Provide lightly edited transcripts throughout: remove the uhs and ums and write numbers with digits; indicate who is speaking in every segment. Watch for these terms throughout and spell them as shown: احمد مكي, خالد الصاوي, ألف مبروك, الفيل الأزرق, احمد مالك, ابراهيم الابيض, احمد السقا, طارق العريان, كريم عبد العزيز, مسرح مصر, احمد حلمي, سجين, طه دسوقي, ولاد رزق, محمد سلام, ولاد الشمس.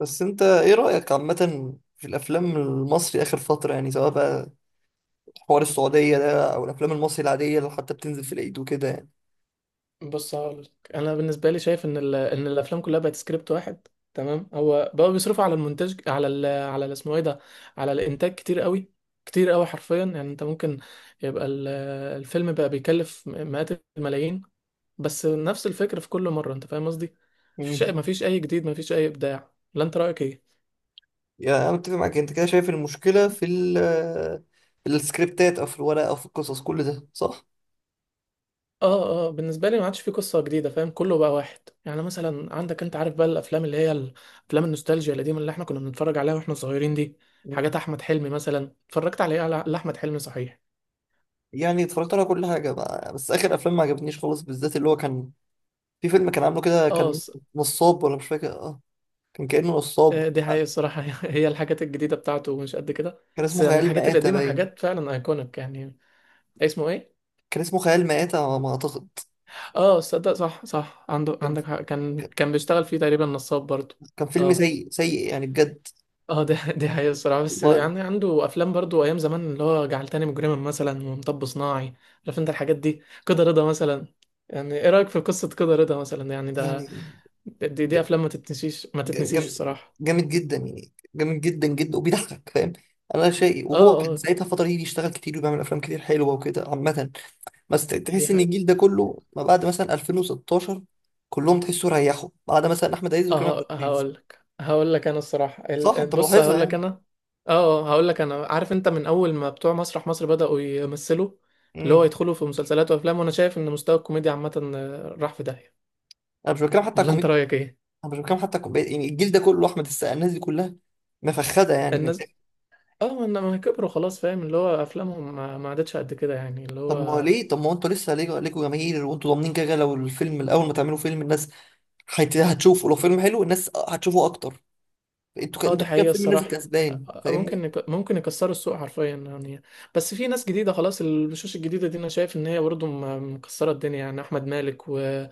Speaker 1: بس انت ايه رأيك عامة في الافلام المصري اخر فترة؟ يعني سواء بقى حوار السعودية ده او الافلام المصري العادية اللي حتى بتنزل في العيد وكده يعني.
Speaker 2: بص هقولك انا بالنسبه لي شايف ان ان الافلام كلها بقت سكريبت واحد. تمام، هو بقوا بيصرفوا على المونتاج اسمه ايه ده، على الانتاج كتير قوي، كتير قوي حرفيا. يعني انت ممكن يبقى ال... الفيلم بقى بيكلف مئات الملايين، بس نفس الفكره في كل مره، انت فاهم قصدي. مفيش
Speaker 1: امم.
Speaker 2: مفيش اي جديد، مفيش اي ابداع، لا انت رايك ايه؟
Speaker 1: يعني انا متفق معاك، انت كده شايف المشكلة في ال في السكريبتات او في الورق او في القصص، كل ده صح؟
Speaker 2: اه اه، بالنسبه لي ما عادش في قصه جديده، فاهم، كله بقى واحد. يعني مثلا عندك، انت عارف بقى الافلام افلام النوستالجيا القديمه اللي احنا كنا بنتفرج عليها واحنا صغيرين دي،
Speaker 1: مم.
Speaker 2: حاجات احمد حلمي مثلا. اتفرجت على ايه لاحمد حلمي؟ صحيح
Speaker 1: يعني اتفرجت على كل حاجة بقى. بس اخر افلام ما عجبنيش خالص، بالذات اللي هو كان في فيلم كان عامله كده،
Speaker 2: اه
Speaker 1: كان
Speaker 2: ص-
Speaker 1: نصاب ولا مش فاكر، اه كان كأنه نصاب.
Speaker 2: آه، دي حقيقة الصراحة. هي الحاجات الجديدة بتاعته مش قد كده،
Speaker 1: كان
Speaker 2: بس
Speaker 1: اسمه
Speaker 2: يعني
Speaker 1: خيال
Speaker 2: الحاجات
Speaker 1: مآتة
Speaker 2: القديمة
Speaker 1: باين.
Speaker 2: حاجات فعلا ايكونيك يعني. اسمه ايه؟
Speaker 1: كان اسمه خيال مآتة على ما اعتقد.
Speaker 2: اه صدق، صح صح، عنده، عندك حق. كان بيشتغل فيه تقريبا نصاب برضه.
Speaker 1: كان فيلم
Speaker 2: اه
Speaker 1: سيء سيء يعني بجد.
Speaker 2: اه، ده دي حقيقة الصراحة، بس
Speaker 1: والله
Speaker 2: يعني عنده أفلام برضو أيام زمان، اللي هو جعلتني مجرما مثلا ومطب صناعي، عارف أنت الحاجات دي، كده رضا مثلا. يعني إيه رأيك في قصة كده رضا مثلا؟ يعني ده،
Speaker 1: يعني.
Speaker 2: دي
Speaker 1: ج-
Speaker 2: أفلام ما تتنسيش، ما
Speaker 1: ج-
Speaker 2: تتنسيش
Speaker 1: جم-
Speaker 2: الصراحة.
Speaker 1: جامد جدا يعني، جامد جدا جدا وبيضحك، فاهم. انا شيء،
Speaker 2: اه
Speaker 1: وهو كان
Speaker 2: اه،
Speaker 1: ساعتها الفتره دي بيشتغل كتير وبيعمل افلام كتير حلوه وكده عامه. بس
Speaker 2: دي
Speaker 1: تحس ان
Speaker 2: حقيقة.
Speaker 1: الجيل ده كله ما بعد مثلا 2016، كلهم تحسوا ريحوا بعد مثلا احمد عز وكريم عبد
Speaker 2: اه،
Speaker 1: العزيز.
Speaker 2: هقول لك أنا الصراحة
Speaker 1: صح، انت
Speaker 2: بص
Speaker 1: ملاحظها
Speaker 2: هقول لك
Speaker 1: يعني.
Speaker 2: أنا. اه آه، هقول لك أنا، عارف أنت، من أول ما بتوع مسرح مصر بدأوا يمثلوا، اللي هو
Speaker 1: امم.
Speaker 2: يدخلوا في مسلسلات وأفلام، وأنا شايف إن مستوى الكوميديا عامة راح في داهية،
Speaker 1: انا مش بتكلم حتى على
Speaker 2: ولا أنت
Speaker 1: الكوميديا.
Speaker 2: رأيك إيه؟
Speaker 1: انا مش بتكلم حتى على الكوميديا، يعني الجيل ده كله احمد السقا الناس دي كلها مفخده يعني من.
Speaker 2: الناس اه، ما كبروا خلاص، فاهم، اللي هو افلامهم ما عادتش قد كده يعني اللي
Speaker 1: طب ما
Speaker 2: هو.
Speaker 1: ليه؟ طب ما هو انتوا لسه ليكوا جماهير، وانتوا ضامنين كده كده لو الفيلم الاول ما تعملوا فيلم الناس هتشوفه، لو فيلم حلو الناس هتشوفه اكتر.
Speaker 2: اه دي
Speaker 1: انتوا كده
Speaker 2: حقيقة
Speaker 1: الفيلم نازل
Speaker 2: الصراحة.
Speaker 1: كسبان،
Speaker 2: آه،
Speaker 1: فاهمني.
Speaker 2: ممكن يكسروا السوق حرفيا يعني. بس في ناس جديدة خلاص، الوشوش الجديدة دي انا شايف ان هي برضه مكسرة الدنيا، يعني احمد مالك، والواد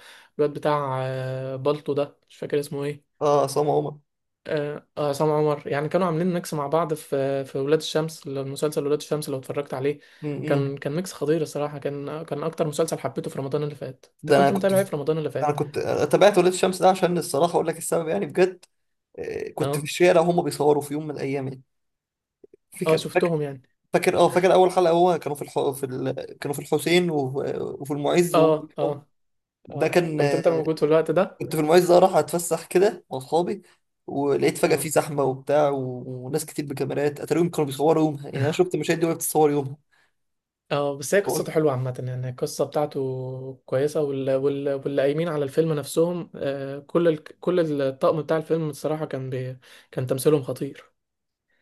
Speaker 2: بتاع بالطو ده، مش فاكر اسمه ايه.
Speaker 1: اه، عصام عمر.
Speaker 2: اه آه، عصام عمر. يعني كانوا عاملين ميكس مع بعض في ولاد الشمس، مسلسل ولاد الشمس لو اتفرجت عليه.
Speaker 1: امم.
Speaker 2: كان ميكس خطير الصراحة، كان اكتر مسلسل حبيته في رمضان اللي فات.
Speaker 1: ده
Speaker 2: انت
Speaker 1: انا
Speaker 2: كنت
Speaker 1: كنت
Speaker 2: متابع ايه
Speaker 1: في...
Speaker 2: في رمضان اللي
Speaker 1: انا
Speaker 2: فات؟
Speaker 1: كنت تابعت ولاد الشمس ده عشان الصراحه اقول لك السبب يعني بجد. آه، كنت في
Speaker 2: اه،
Speaker 1: الشارع وهم بيصوروا في يوم من الايام يعني.
Speaker 2: اه
Speaker 1: فاكر فاكر
Speaker 2: شفتهم يعني.
Speaker 1: فاكر اول حلقه، هو كانوا في الحسين و... وفي المعز وهم
Speaker 2: اه
Speaker 1: بيصوروا.
Speaker 2: اه
Speaker 1: ده
Speaker 2: اه،
Speaker 1: كان.
Speaker 2: كنت انت موجود في الوقت ده.
Speaker 1: كنت في المعز، راح اتفسح كده مع اصحابي، ولقيت فجأة في
Speaker 2: اه.
Speaker 1: زحمة وبتاع وناس كتير بكاميرات، اتاريهم كانوا بيصوروا يومها يعني. انا شفت مشاهد دي وهي بتتصور يومها.
Speaker 2: اه، بس هي قصته
Speaker 1: فقلت
Speaker 2: حلوه عامه، يعني القصه بتاعته كويسه، واللي قايمين على الفيلم نفسهم، آه، كل الطقم بتاع الفيلم الصراحه كان تمثيلهم خطير.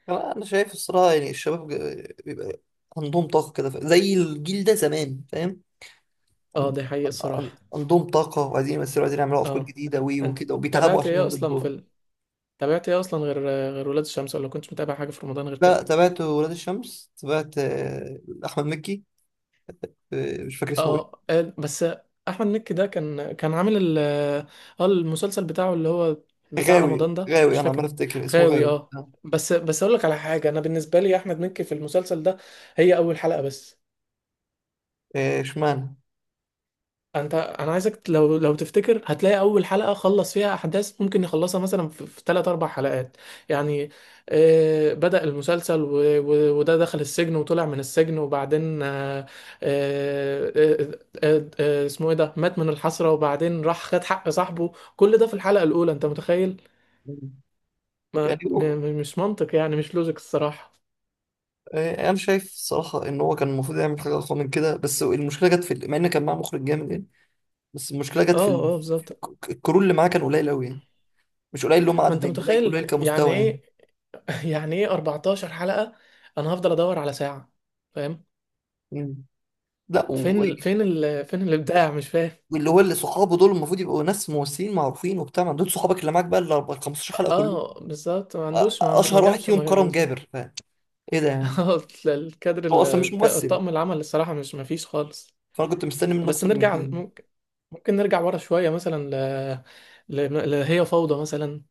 Speaker 1: آه، انا شايف الصراحة يعني الشباب بيبقى عندهم طاقة كده، زي الجيل ده زمان، فاهم.
Speaker 2: اه
Speaker 1: عند-
Speaker 2: دي حقيقه الصراحه.
Speaker 1: عندهم طاقة وعايزين يمثلوا، عايزين يعملوا افكار
Speaker 2: اه،
Speaker 1: جديدة
Speaker 2: انت
Speaker 1: وكده وبيتعبوا
Speaker 2: تابعت
Speaker 1: عشان
Speaker 2: ايه
Speaker 1: يعملوا
Speaker 2: اصلا
Speaker 1: الدور.
Speaker 2: تابعت ايه اصلا غير، غير ولاد الشمس، ولا كنتش متابع حاجه في رمضان غير
Speaker 1: لا،
Speaker 2: كده؟
Speaker 1: تابعت ولاد الشمس، تابعت آه، احمد مكي، آه، مش فاكر اسمه ايه.
Speaker 2: اه آه، بس. احمد مكي ده كان عامل اه المسلسل بتاعه، اللي هو بتاع
Speaker 1: غاوي
Speaker 2: رمضان ده،
Speaker 1: غاوي
Speaker 2: مش
Speaker 1: انا عمال
Speaker 2: فاكر.
Speaker 1: افتكر اسمه
Speaker 2: غاوي،
Speaker 1: غاوي
Speaker 2: اه.
Speaker 1: آه،.
Speaker 2: بس بس اقول لك على حاجه، انا بالنسبه لي احمد مكي في المسلسل ده، هي اول حلقه بس.
Speaker 1: آه، اشمعنى.
Speaker 2: انت انا عايزك، لو لو تفتكر، هتلاقي اول حلقه خلص فيها احداث ممكن يخلصها مثلا في تلات اربع حلقات يعني. آه، بدأ المسلسل وده دخل السجن وطلع من السجن وبعدين آه آه آه آه، آه اسمه ايه ده، مات من الحسره وبعدين راح خد حق صاحبه، كل ده في الحلقه الاولى، انت متخيل؟
Speaker 1: يعني
Speaker 2: ما م...
Speaker 1: هو
Speaker 2: م- مش منطق يعني، مش لوجيك الصراحه.
Speaker 1: آه، انا شايف صراحه ان هو كان المفروض يعمل حاجه اقوى من كده، بس المشكله جت في ال- مع ان كان معاه مخرج جامد يعني. بس المشكله
Speaker 2: اه
Speaker 1: جت في ال-
Speaker 2: اه
Speaker 1: في
Speaker 2: بالظبط
Speaker 1: الكرو اللي معاه كان قليل قوي يعني. مش قليل اللي هم
Speaker 2: ما
Speaker 1: عدد،
Speaker 2: انت
Speaker 1: يعني قليل
Speaker 2: متخيل
Speaker 1: قليل
Speaker 2: يعني
Speaker 1: كمستوى يعني.
Speaker 2: ايه يعني ايه 14 حلقه انا هفضل ادور على ساعه فاهم
Speaker 1: مم. لا
Speaker 2: فين ال... فين ال... فين الابداع مش فاهم
Speaker 1: واللي هو اللي صحابه دول المفروض يبقوا ناس ممثلين معروفين وبتاع، ما دول صحابك اللي معاك بقى ال 4 15 حلقه كله.
Speaker 2: اه بالظبط، ما عندوش ما عنده ما
Speaker 1: اشهر واحد
Speaker 2: جابش
Speaker 1: فيهم
Speaker 2: ما
Speaker 1: كرم
Speaker 2: ال-
Speaker 1: جابر، ايه ده يعني.
Speaker 2: آه، الكادر
Speaker 1: هو اصلا مش ممثل،
Speaker 2: الطاقم العمل الصراحه، مش، ما فيش خالص.
Speaker 1: فانا كنت مستني منه
Speaker 2: بس
Speaker 1: اكتر من
Speaker 2: نرجع،
Speaker 1: كده.
Speaker 2: ممكن ممكن نرجع ورا شويه مثلا هي فوضى مثلا،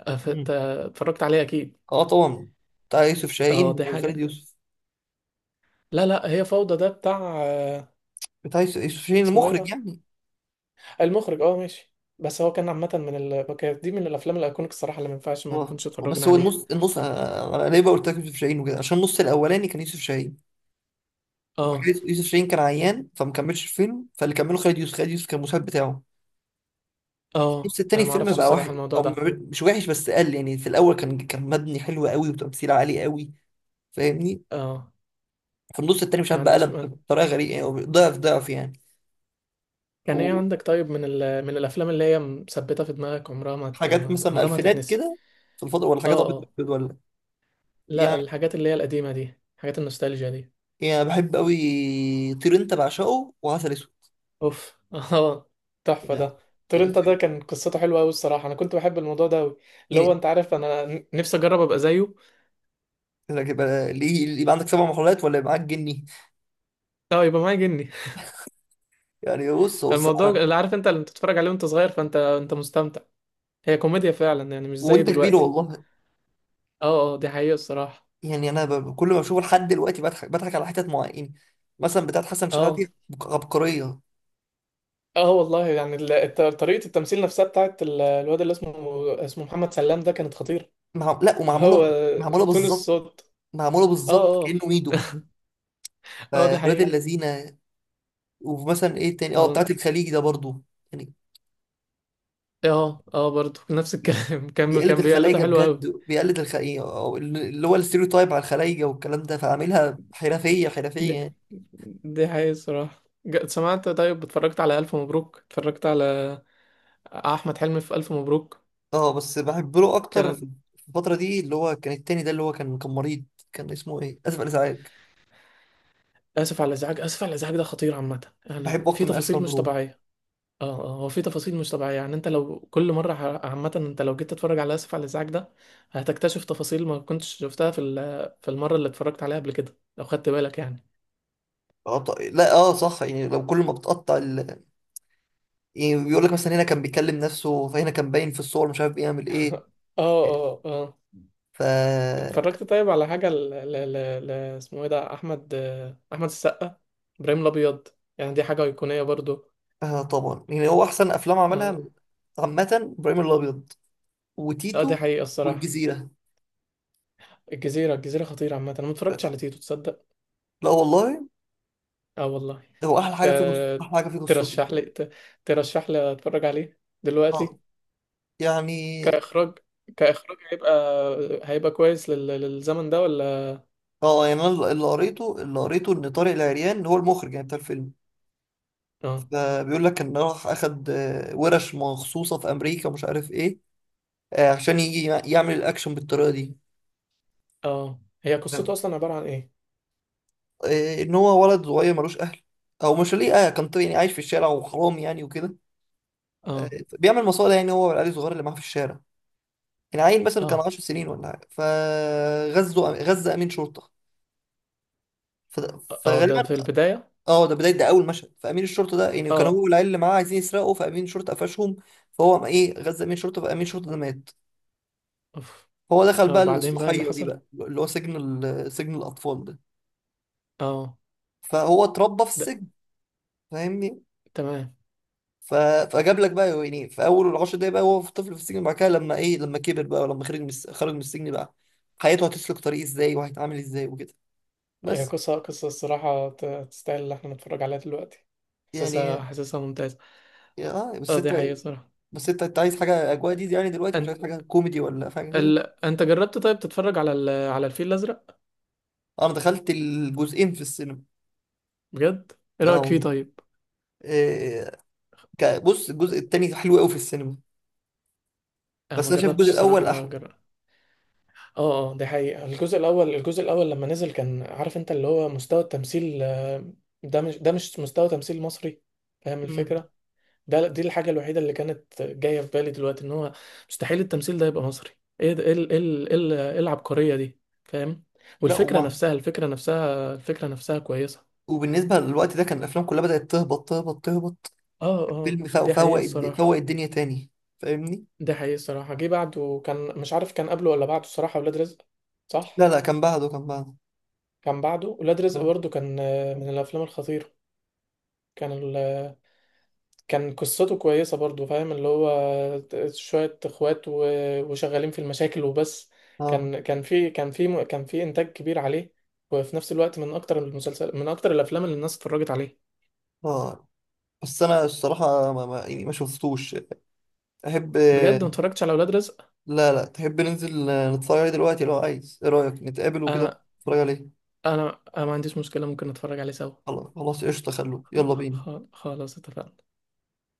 Speaker 1: مم.
Speaker 2: اتفرجت عليه اكيد.
Speaker 1: اه طبعا. بتاع يوسف شاهين
Speaker 2: اه دي
Speaker 1: وخالد
Speaker 2: حاجه،
Speaker 1: يوسف.
Speaker 2: لا لا، هي فوضى ده بتاع
Speaker 1: بتاع يوسف شاهين
Speaker 2: اسمه ايه
Speaker 1: المخرج
Speaker 2: ده،
Speaker 1: يعني.
Speaker 2: المخرج، اه ماشي. بس هو كان عامه كانت دي من الافلام الايكونيك الصراحه، اللي ما ينفعش ما
Speaker 1: بالظبط،
Speaker 2: نكونش اتفرجنا
Speaker 1: بس هو
Speaker 2: عليها.
Speaker 1: النص انا ليه بقول لك يوسف شاهين وكده، عشان النص الاولاني كان يوسف شاهين وبعد
Speaker 2: اه
Speaker 1: كده يوسف شاهين كان عيان فما كملش الفيلم، فاللي كمله خالد يوسف، خالد يوسف كان المساعد بتاعه.
Speaker 2: اه،
Speaker 1: النص التاني
Speaker 2: انا ما
Speaker 1: الفيلم
Speaker 2: اعرفش
Speaker 1: بقى وحش،
Speaker 2: الصراحه الموضوع
Speaker 1: او
Speaker 2: ده.
Speaker 1: مش وحش بس قل يعني. في الاول كان كان مبني حلو قوي وتمثيل عالي قوي، فاهمني.
Speaker 2: اه
Speaker 1: في النص التاني مش
Speaker 2: ما
Speaker 1: عارف بقى
Speaker 2: عنديش
Speaker 1: قلب
Speaker 2: ما...
Speaker 1: بطريقه غريبه يعني، ضعف ضعف يعني.
Speaker 2: كان ايه عندك طيب من الافلام اللي هي مثبته في دماغك، عمرها ما, ت...
Speaker 1: وحاجات
Speaker 2: ما...
Speaker 1: مثلا
Speaker 2: عمرها ما
Speaker 1: الفينات
Speaker 2: هتتنسي.
Speaker 1: كده، في الفضاء ولا
Speaker 2: اه
Speaker 1: حاجات ابيض
Speaker 2: اه،
Speaker 1: وأسود ولا.
Speaker 2: لا،
Speaker 1: يعني.
Speaker 2: الحاجات اللي هي القديمه دي، حاجات النوستالجيا دي.
Speaker 1: يعني بحب قوي طير انت بعشقه وعسل اسود
Speaker 2: اوف، اه، تحفه
Speaker 1: يعني.
Speaker 2: ده.
Speaker 1: طير-
Speaker 2: تورنتا ده
Speaker 1: طير-
Speaker 2: كان قصته حلوه قوي الصراحه، انا كنت بحب الموضوع ده قوي، اللي هو
Speaker 1: يعني
Speaker 2: انت عارف، انا نفسي اجرب ابقى زيه.
Speaker 1: انك يبقى ليه، يبقى عندك 7 محاولات ولا يبقى معاك جني.
Speaker 2: لا، يبقى معايا جني.
Speaker 1: يعني بص بص
Speaker 2: الموضوع،
Speaker 1: انا.
Speaker 2: اللي عارف انت، اللي بتتفرج عليه وانت صغير، فانت انت مستمتع، هي كوميديا فعلا يعني، مش زي
Speaker 1: وانت كبير
Speaker 2: دلوقتي.
Speaker 1: والله.
Speaker 2: اه اه دي حقيقه الصراحه.
Speaker 1: يعني انا كل ما بشوفه لحد دلوقتي بضحك، بضحك على حتت معينه، مثلا بتاعت حسن شحاته.
Speaker 2: اه
Speaker 1: عبقريه.
Speaker 2: اه والله، يعني طريقة التمثيل نفسها بتاعت الواد اللي اسمه، اسمه محمد سلام ده، كانت خطيرة.
Speaker 1: لا
Speaker 2: اللي هو
Speaker 1: ومعموله معموله
Speaker 2: تون
Speaker 1: بالظبط.
Speaker 2: الصوت.
Speaker 1: معموله بالظبط
Speaker 2: اه اه،
Speaker 1: كانه ايده
Speaker 2: اه ده
Speaker 1: فولاد
Speaker 2: حقيقة.
Speaker 1: اللذينه. ومثلا ايه تاني اه
Speaker 2: اه
Speaker 1: بتاعت الخليج ده برضو يعني.
Speaker 2: اه اه برضه نفس الكلام. كان
Speaker 1: بيقلد
Speaker 2: كان بيقلده
Speaker 1: الخلايجه
Speaker 2: حلو قوي.
Speaker 1: بجد، بيقلد إيه، أو اللي هو الستيريوتايب على الخلايجه والكلام ده، فعاملها حرفيه حرفيه
Speaker 2: دي,
Speaker 1: يعني.
Speaker 2: دي حقيقة الصراحة. سمعت، طيب اتفرجت على ألف مبروك؟ اتفرجت على أحمد حلمي في ألف مبروك؟
Speaker 1: اه، بس بحب له اكتر
Speaker 2: كانت
Speaker 1: في الفتره دي، اللي هو كان التاني ده اللي هو كان كان مريض، كان اسمه ايه؟ اسف على الازعاج.
Speaker 2: آسف على الإزعاج، آسف على الإزعاج ده خطير عامة يعني،
Speaker 1: بحبه
Speaker 2: في
Speaker 1: اكتر من الف
Speaker 2: تفاصيل مش
Speaker 1: مبروك.
Speaker 2: طبيعية. اه اه، هو في تفاصيل مش طبيعية، يعني انت لو كل مرة عامة، انت لو جيت تتفرج على اسف على الازعاج ده، هتكتشف تفاصيل ما كنتش شفتها في المرة اللي اتفرجت عليها قبل كده، لو خدت بالك يعني.
Speaker 1: اه لا اه صح، يعني لو كل ما بتقطع ال... يعني بيقول لك مثلا هنا كان
Speaker 2: ف-
Speaker 1: بيكلم نفسه، فهنا كان باين في الصور مش عارف بيعمل ايه.
Speaker 2: اه اه اه.
Speaker 1: ف.
Speaker 2: اتفرجت طيب على حاجة اسمه ايه ده، احمد، آه، احمد السقا، ابراهيم الابيض؟ يعني دي حاجة ايقونية برضو.
Speaker 1: آه طبعا، يعني هو احسن افلام
Speaker 2: اه
Speaker 1: عملها عامه، ابراهيم الابيض
Speaker 2: اه دي
Speaker 1: وتيتو
Speaker 2: حقيقة الصراحة.
Speaker 1: والجزيره.
Speaker 2: الجزيرة، الجزيرة خطيرة عامة، انا ما اتفرجتش على تيتو، تصدق؟
Speaker 1: لا والله.
Speaker 2: اه والله.
Speaker 1: هو احلى
Speaker 2: ت...
Speaker 1: حاجه فيه احلى حاجه فيه قصته.
Speaker 2: ترشح لي ترشح لي اتفرج عليه دلوقتي؟
Speaker 1: اه يعني.
Speaker 2: كإخراج، كإخراج هيبقى، هيبقى كويس للزمن ده ولا؟
Speaker 1: اه يعني انا اللي قريته، اللي قريته ان طارق العريان هو المخرج يعني بتاع الفيلم.
Speaker 2: اه
Speaker 1: فبيقول لك ان راح اخد آه، ورش مخصوصه في امريكا ومش عارف ايه، آه، عشان يجي يعمل الاكشن بالطريقه دي،
Speaker 2: اه، هي قصته
Speaker 1: فاهم؟
Speaker 2: أصلا عبارة عن إيه؟
Speaker 1: آه، ان هو ولد صغير ملوش اهل، او مش ليه، اه كان طيب يعني عايش في الشارع وحرام يعني وكده. آه،
Speaker 2: اه
Speaker 1: بيعمل مصالح، يعني هو والعيال الصغير اللي معاه في الشارع. العيل مثلا كان
Speaker 2: اه
Speaker 1: 10 سنين ولا حاجه، فغزه امين شرطه فده-،
Speaker 2: اه، ده
Speaker 1: فغالبا.
Speaker 2: في البداية.
Speaker 1: اه، ده بدايه، ده اول مشهد. فامين الشرطه ده يعني كان هو
Speaker 2: اه.
Speaker 1: والعيال اللي معاه عايزين يسرقوا، فامين الشرطه قفشهم. فهو قام ايه غزا امين الشرطه، فامين الشرطه ده مات.
Speaker 2: أوف.
Speaker 1: هو دخل
Speaker 2: اه
Speaker 1: بقى
Speaker 2: بعدين بقى اللي
Speaker 1: الاصلاحيه دي
Speaker 2: حصل.
Speaker 1: بقى اللي هو سجن، ال- سجن الاطفال ده.
Speaker 2: اه
Speaker 1: فهو اتربى في
Speaker 2: ده.
Speaker 1: السجن، فاهمني.
Speaker 2: تمام.
Speaker 1: ف... فجاب لك بقى يعني، في اول ال10 دقايق بقى هو في طفل في السجن، بعد كده لما ايه لما كبر بقى، ولما خرج من خرج من السجن بقى حياته هتسلك طريق ازاي وهيتعامل ازاي وكده،
Speaker 2: هي
Speaker 1: بس.
Speaker 2: قصة، قصة الصراحة، تستاهل اللي احنا نتفرج عليها دلوقتي،
Speaker 1: يعني
Speaker 2: حاسسها، حاسسها ممتازة.
Speaker 1: اه بس
Speaker 2: اه دي
Speaker 1: انت.
Speaker 2: حقيقة صراحة.
Speaker 1: بس انت انت عايز حاجه اجواء دي يعني دلوقتي، مش
Speaker 2: أنت
Speaker 1: عايز حاجه كوميدي ولا حاجه كده.
Speaker 2: ال... أنت جربت طيب تتفرج على على الفيل الأزرق؟
Speaker 1: اه انا دخلت الجزئين في السينما.
Speaker 2: بجد؟ إيه
Speaker 1: اه
Speaker 2: رأيك فيه
Speaker 1: والله.
Speaker 2: طيب؟
Speaker 1: إيه. بص الجزء التاني حلو قوي في السينما،
Speaker 2: أنا
Speaker 1: بس
Speaker 2: ما
Speaker 1: انا شايف الجزء
Speaker 2: جربتش
Speaker 1: الاول
Speaker 2: الصراحة،
Speaker 1: احلى.
Speaker 2: جرب. اه اه، دي حقيقة. الجزء الأول، الجزء الأول لما نزل، كان عارف انت، اللي هو مستوى التمثيل، آه، ده مش، ده مش مستوى تمثيل مصري، فاهم
Speaker 1: امم.
Speaker 2: الفكرة؟ ده دي الحاجة الوحيدة اللي كانت جاية في بالي دلوقتي، ان هو مستحيل التمثيل ده يبقى مصري. ايه ده، إيه العبقرية دي، فاهم؟
Speaker 1: لا
Speaker 2: والفكرة
Speaker 1: وما.
Speaker 2: نفسها، الفكرة نفسها كويسة.
Speaker 1: وبالنسبه للوقت ده كان الافلام كلها بدات تهبط تهبط تهبط.
Speaker 2: اه اه
Speaker 1: فيلم فوق
Speaker 2: دي
Speaker 1: فوق
Speaker 2: حقيقة الصراحة.
Speaker 1: فوق الدنيا تاني، فاهمني.
Speaker 2: دي حقيقة الصراحة، جه بعده، كان مش عارف كان قبله ولا بعده الصراحة، ولاد رزق.
Speaker 1: لا
Speaker 2: صح،
Speaker 1: لا، كان بعده كان بعده.
Speaker 2: كان بعده ولاد رزق
Speaker 1: اه
Speaker 2: برضه، كان آه، من الأفلام الخطيرة. كان، كان قصته كويسة برضو، فاهم، اللي هو شوية اخوات وشغالين في المشاكل وبس.
Speaker 1: اه
Speaker 2: كان في انتاج كبير عليه، وفي نفس الوقت من اكتر المسلسل، من اكتر الافلام اللي الناس اتفرجت عليه.
Speaker 1: اه. بس انا الصراحه ما ما, يعني ما شفتوش. احب.
Speaker 2: بجد ما اتفرجتش على اولاد رزق.
Speaker 1: لا لا، تحب ننزل نتفرج عليه دلوقتي لو عايز، ايه رايك نتقابل وكده
Speaker 2: انا
Speaker 1: نتفرج عليه.
Speaker 2: انا ما عنديش مشكلة، ممكن اتفرج عليه سوا.
Speaker 1: خلاص خلاص قشطه خلوه يلا بينا.
Speaker 2: خلاص اتفقنا.